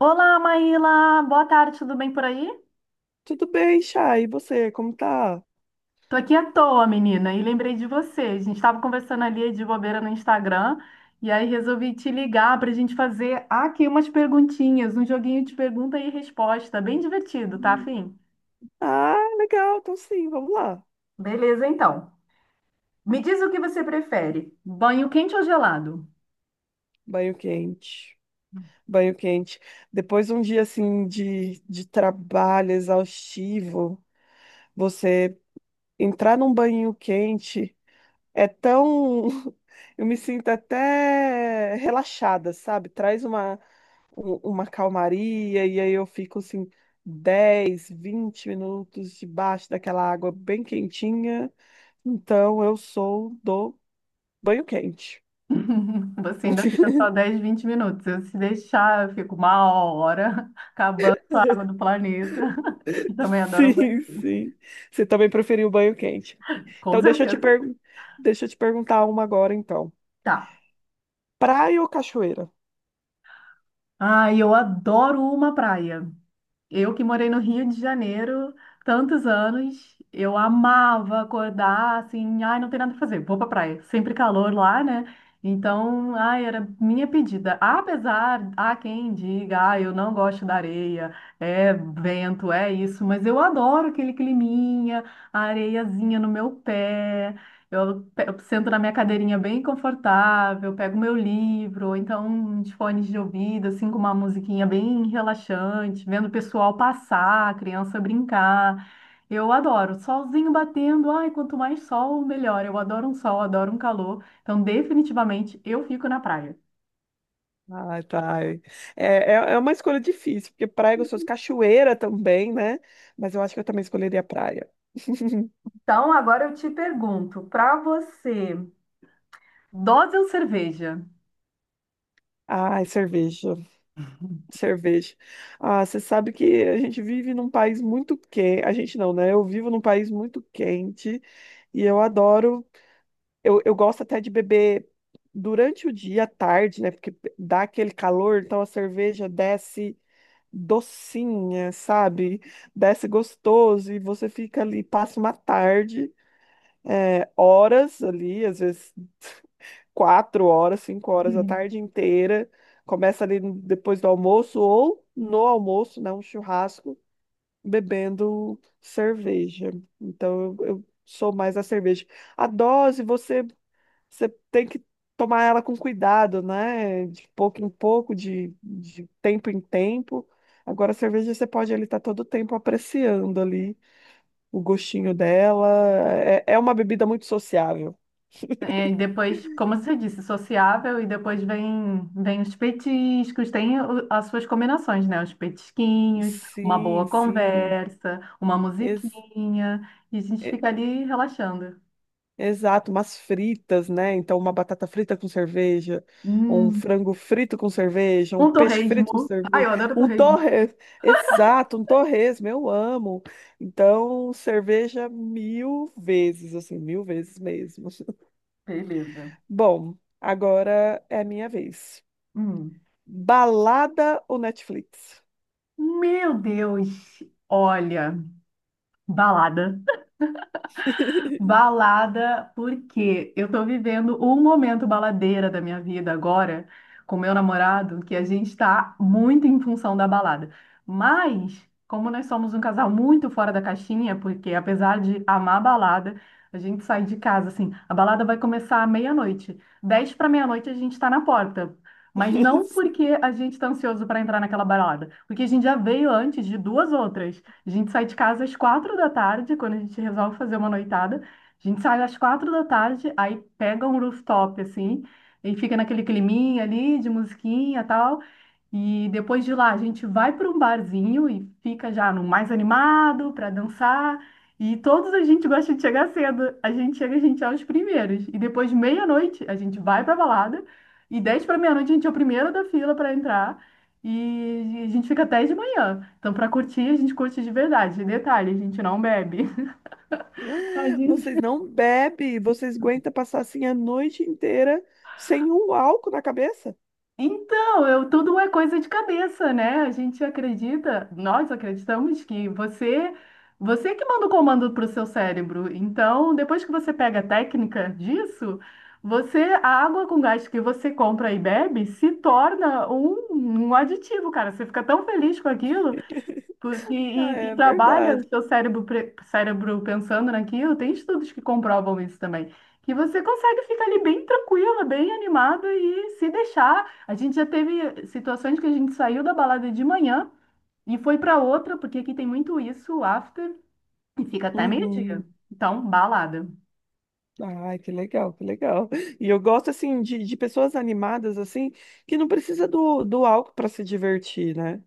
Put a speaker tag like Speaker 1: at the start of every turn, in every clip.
Speaker 1: Olá, Maíla! Boa tarde, tudo bem por aí?
Speaker 2: Tudo bem, Chay? E você, como tá?
Speaker 1: Tô aqui à toa, menina, e lembrei de você. A gente tava conversando ali de bobeira no Instagram, e aí resolvi te ligar pra gente fazer aqui umas perguntinhas, um joguinho de pergunta e resposta, bem divertido, tá,
Speaker 2: Hum.
Speaker 1: fim?
Speaker 2: Ah, legal, então sim, vamos lá.
Speaker 1: Beleza, então. Me diz o que você prefere, banho quente ou gelado?
Speaker 2: Banho quente. Banho quente. Depois de um dia assim de trabalho exaustivo, você entrar num banho quente é tão. Eu me sinto até relaxada, sabe? Traz uma calmaria e aí eu fico assim 10 20 minutos debaixo daquela água bem quentinha. Então eu sou do banho quente.
Speaker 1: Você ainda fica só 10, 20 minutos. Eu, se deixar, eu fico uma hora acabando com a água do planeta. E também adoro um banho
Speaker 2: Sim,
Speaker 1: quente.
Speaker 2: sim. Você também preferiu banho quente.
Speaker 1: Com
Speaker 2: Então,
Speaker 1: certeza.
Speaker 2: deixa eu te perguntar uma agora, então.
Speaker 1: Tá.
Speaker 2: Praia ou cachoeira?
Speaker 1: Ah, eu adoro uma praia. Eu que morei no Rio de Janeiro tantos anos, eu amava acordar assim, ai, não tem nada pra fazer, vou pra praia. Sempre calor lá, né? Então, ai, era minha pedida. Apesar, há quem diga, ah, eu não gosto da areia, é vento, é isso, mas eu adoro aquele climinha, a areiazinha no meu pé, eu, eu sento na minha cadeirinha bem confortável, pego meu livro, ou então uns fones de ouvido, assim, com uma musiquinha bem relaxante, vendo o pessoal passar, a criança brincar. Eu adoro, solzinho batendo, ai, quanto mais sol, melhor. Eu adoro um sol, adoro um calor. Então, definitivamente, eu fico na praia.
Speaker 2: Ah, tá. É, é uma escolha difícil, porque praia é gostoso, cachoeira também, né? Mas eu acho que eu também escolheria praia.
Speaker 1: Então, agora eu te pergunto, pra você, dose ou cerveja?
Speaker 2: Ai, cerveja. Ah, você sabe que a gente vive num país muito quente. A gente não, né? Eu vivo num país muito quente e eu adoro. Eu gosto até de beber durante o dia, à tarde, né? Porque dá aquele calor, então a cerveja desce docinha, sabe? Desce gostoso e você fica ali, passa uma tarde, é, horas ali, às vezes 4 horas, 5 horas, a tarde inteira. Começa ali depois do almoço ou no almoço, né? Um churrasco, bebendo cerveja. Então eu sou mais a cerveja. A dose, você tem que tomar ela com cuidado, né? De pouco em pouco, de tempo em tempo. Agora, a cerveja você pode ali estar todo o tempo apreciando ali o gostinho dela. É, é uma bebida muito sociável.
Speaker 1: É, e depois, como você disse, sociável, e depois vem os petiscos, tem as suas combinações, né? Os petisquinhos, uma
Speaker 2: Sim,
Speaker 1: boa
Speaker 2: sim.
Speaker 1: conversa, uma
Speaker 2: Ex-
Speaker 1: musiquinha, e a gente fica ali relaxando.
Speaker 2: Exato, umas fritas, né? Então, uma batata frita com cerveja, um
Speaker 1: Hum,
Speaker 2: frango frito com cerveja, um
Speaker 1: um
Speaker 2: peixe frito com
Speaker 1: torresmo. Ai,
Speaker 2: cerveja,
Speaker 1: eu adoro
Speaker 2: um
Speaker 1: torresmo.
Speaker 2: torres, exato, um torresmo, eu amo. Então, cerveja mil vezes, assim, mil vezes mesmo.
Speaker 1: Beleza.
Speaker 2: Bom, agora é a minha vez.
Speaker 1: Hum.
Speaker 2: Balada ou Netflix?
Speaker 1: Meu Deus! Olha, balada. Balada, porque eu tô vivendo um momento baladeira da minha vida agora com meu namorado, que a gente tá muito em função da balada. Mas, como nós somos um casal muito fora da caixinha, porque apesar de amar a balada, a gente sai de casa assim, a balada vai começar à meia-noite. 10 para meia-noite a gente tá na porta. Mas não porque a gente tá ansioso para entrar naquela balada, porque a gente já veio antes de duas outras. A gente sai de casa às 4 da tarde, quando a gente resolve fazer uma noitada, a gente sai às 4 da tarde, aí pega um rooftop, assim, e fica naquele climinha ali de musiquinha e tal. E depois de lá, a gente vai para um barzinho e fica já no mais animado para dançar. E todos a gente gosta de chegar cedo. A gente chega, a gente é os primeiros. E depois de meia-noite, a gente vai para balada. E 10 para meia-noite, a gente é o primeiro da fila para entrar. E a gente fica até de manhã. Então, para curtir, a gente curte de verdade. Detalhe, a gente não bebe. Tadinho.
Speaker 2: Vocês não bebem, vocês aguentam passar assim a noite inteira sem um álcool na cabeça?
Speaker 1: Então, eu, tudo é coisa de cabeça, né? A gente acredita, nós acreditamos que você que manda o comando para o seu cérebro. Então, depois que você pega a técnica disso, você, a água com gás que você compra e bebe se torna um, aditivo, cara. Você fica tão feliz com aquilo E,
Speaker 2: Ah,
Speaker 1: e- e
Speaker 2: é
Speaker 1: trabalha o
Speaker 2: verdade.
Speaker 1: seu cérebro, cérebro pensando naquilo. Tem estudos que comprovam isso também. Que você consegue ficar ali bem tranquila, bem animada e se deixar. A gente já teve situações que a gente saiu da balada de manhã e foi para outra, porque aqui tem muito isso, o after, e fica até
Speaker 2: Uhum.
Speaker 1: meio-dia. Então, balada.
Speaker 2: Ai, que legal, que legal. E eu gosto, assim, de pessoas animadas, assim, que não precisa do álcool para se divertir, né?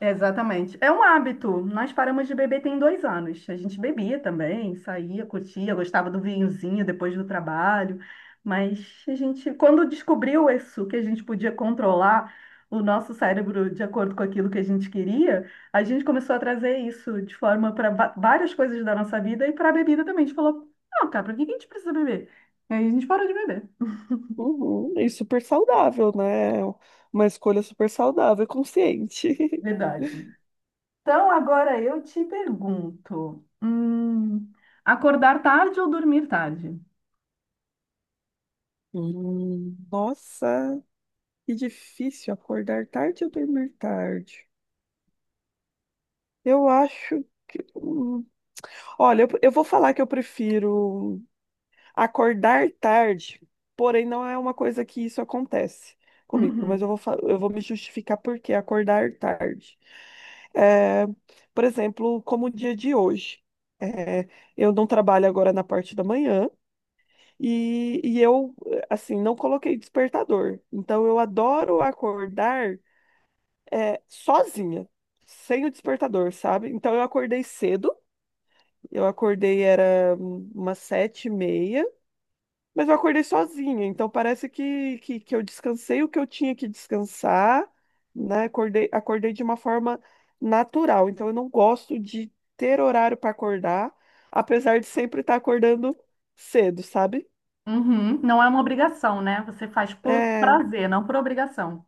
Speaker 1: Exatamente. É um hábito. Nós paramos de beber tem 2 anos. A gente bebia também, saía, curtia, gostava do vinhozinho depois do trabalho. Mas a gente, quando descobriu isso, que a gente podia controlar o nosso cérebro de acordo com aquilo que a gente queria, a gente começou a trazer isso de forma para várias coisas da nossa vida e para a bebida também. A gente falou, não, cara, para que que a gente precisa beber? E aí a gente parou de beber.
Speaker 2: Uhum. E super saudável, né? Uma escolha super saudável e consciente.
Speaker 1: Verdade. Então, agora eu te pergunto, acordar tarde ou dormir tarde?
Speaker 2: Nossa, que difícil acordar tarde ou dormir tarde. Eu acho que. Olha, eu vou falar que eu prefiro. Acordar tarde, porém não é uma coisa que isso acontece comigo, mas
Speaker 1: Uhum.
Speaker 2: eu vou me justificar por que acordar tarde. É, por exemplo, como o dia de hoje. É, eu não trabalho agora na parte da manhã e eu, assim, não coloquei despertador. Então, eu adoro acordar, é, sozinha, sem o despertador, sabe? Então, eu acordei cedo, eu acordei, era umas 7 e meia, mas eu acordei sozinha, então parece que eu descansei o que eu tinha que descansar, né? Acordei de uma forma natural. Então eu não gosto de ter horário para acordar, apesar de sempre estar acordando cedo, sabe?
Speaker 1: Uhum, não é uma obrigação, né? Você faz por
Speaker 2: É,
Speaker 1: prazer, não por obrigação.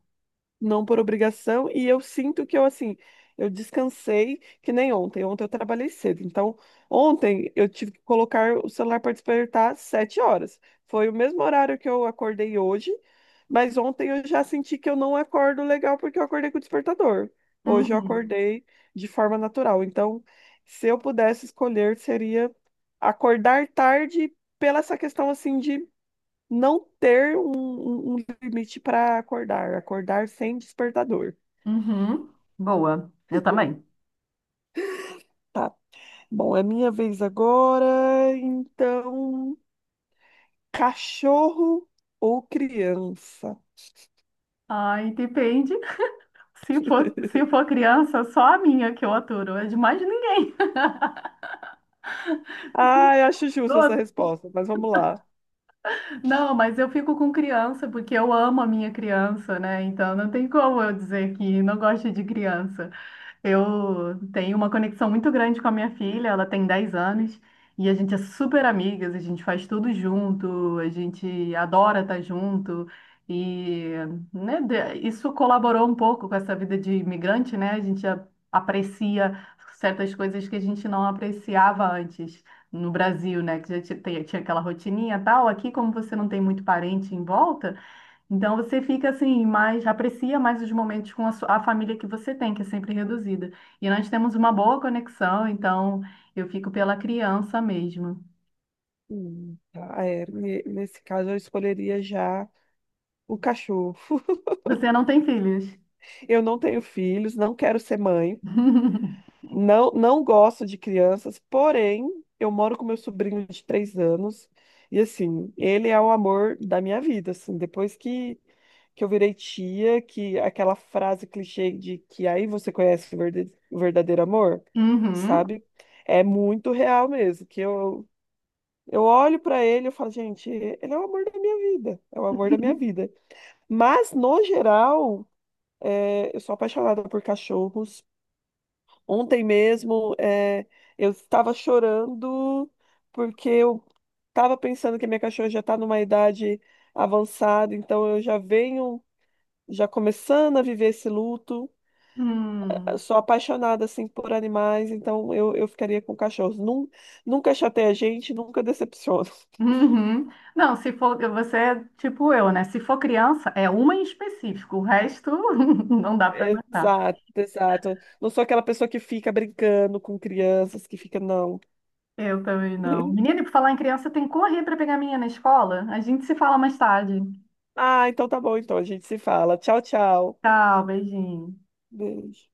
Speaker 2: não por obrigação, e eu sinto que eu, assim, eu descansei que nem ontem. Ontem eu trabalhei cedo, então ontem eu tive que colocar o celular para despertar às 7 horas. Foi o mesmo horário que eu acordei hoje, mas ontem eu já senti que eu não acordo legal porque eu acordei com o despertador. Hoje eu
Speaker 1: Uhum.
Speaker 2: acordei de forma natural. Então, se eu pudesse escolher, seria acordar tarde pela essa questão, assim, de não ter um limite para acordar, acordar sem despertador.
Speaker 1: Uhum. Boa, eu também.
Speaker 2: Tá. Bom, é minha vez agora. Então, cachorro ou criança?
Speaker 1: Ai, depende. Se for, se for criança, só a minha que eu aturo, é de mais ninguém.
Speaker 2: Ah, eu acho justa essa
Speaker 1: Outra.
Speaker 2: resposta, mas vamos lá.
Speaker 1: Não, mas eu fico com criança porque eu amo a minha criança, né? Então não tem como eu dizer que não gosto de criança. Eu tenho uma conexão muito grande com a minha filha, ela tem 10 anos e a gente é super amigas, a gente faz tudo junto, a gente adora estar junto e né, isso colaborou um pouco com essa vida de imigrante, né? A gente aprecia certas coisas que a gente não apreciava antes no Brasil, né? Que já tinha aquela rotininha e tal. Aqui, como você não tem muito parente em volta, então você fica assim, mais aprecia mais os momentos com a família que você tem, que é sempre reduzida. E nós temos uma boa conexão, então eu fico pela criança mesmo.
Speaker 2: Tá, é, nesse caso, eu escolheria já o cachorro.
Speaker 1: Você não tem filhos?
Speaker 2: Eu não tenho filhos, não quero ser mãe. Não, não gosto de crianças, porém, eu moro com meu sobrinho de 3 anos e, assim, ele é o amor da minha vida, assim, depois que eu virei tia, que aquela frase clichê de que aí você conhece o o verdadeiro amor,
Speaker 1: Uhum.
Speaker 2: sabe? É muito real mesmo, que eu olho pra ele e eu falo, gente, ele é o amor da minha vida, é o amor da minha vida. Mas, no geral, é, eu sou apaixonada por cachorros. Ontem mesmo, é, eu estava chorando porque eu estava pensando que a minha cachorra já está numa idade avançada, então eu já venho, já começando a viver esse luto. Eu
Speaker 1: Hum.
Speaker 2: sou apaixonada assim por animais, então eu ficaria com cachorros. Nunca chateia a gente, nunca decepciona.
Speaker 1: Uhum. Não, se for, você é tipo eu, né? Se for criança, é uma em específico, o resto não dá para aguentar.
Speaker 2: Exato, exato. Não sou aquela pessoa que fica brincando com crianças, que fica, não.
Speaker 1: Eu também não. Menina, e por falar em criança, tem que correr para pegar a minha na escola. A gente se fala mais tarde.
Speaker 2: Ah, então tá bom, então a gente se fala. Tchau, tchau.
Speaker 1: Tchau, beijinho.
Speaker 2: Beijo.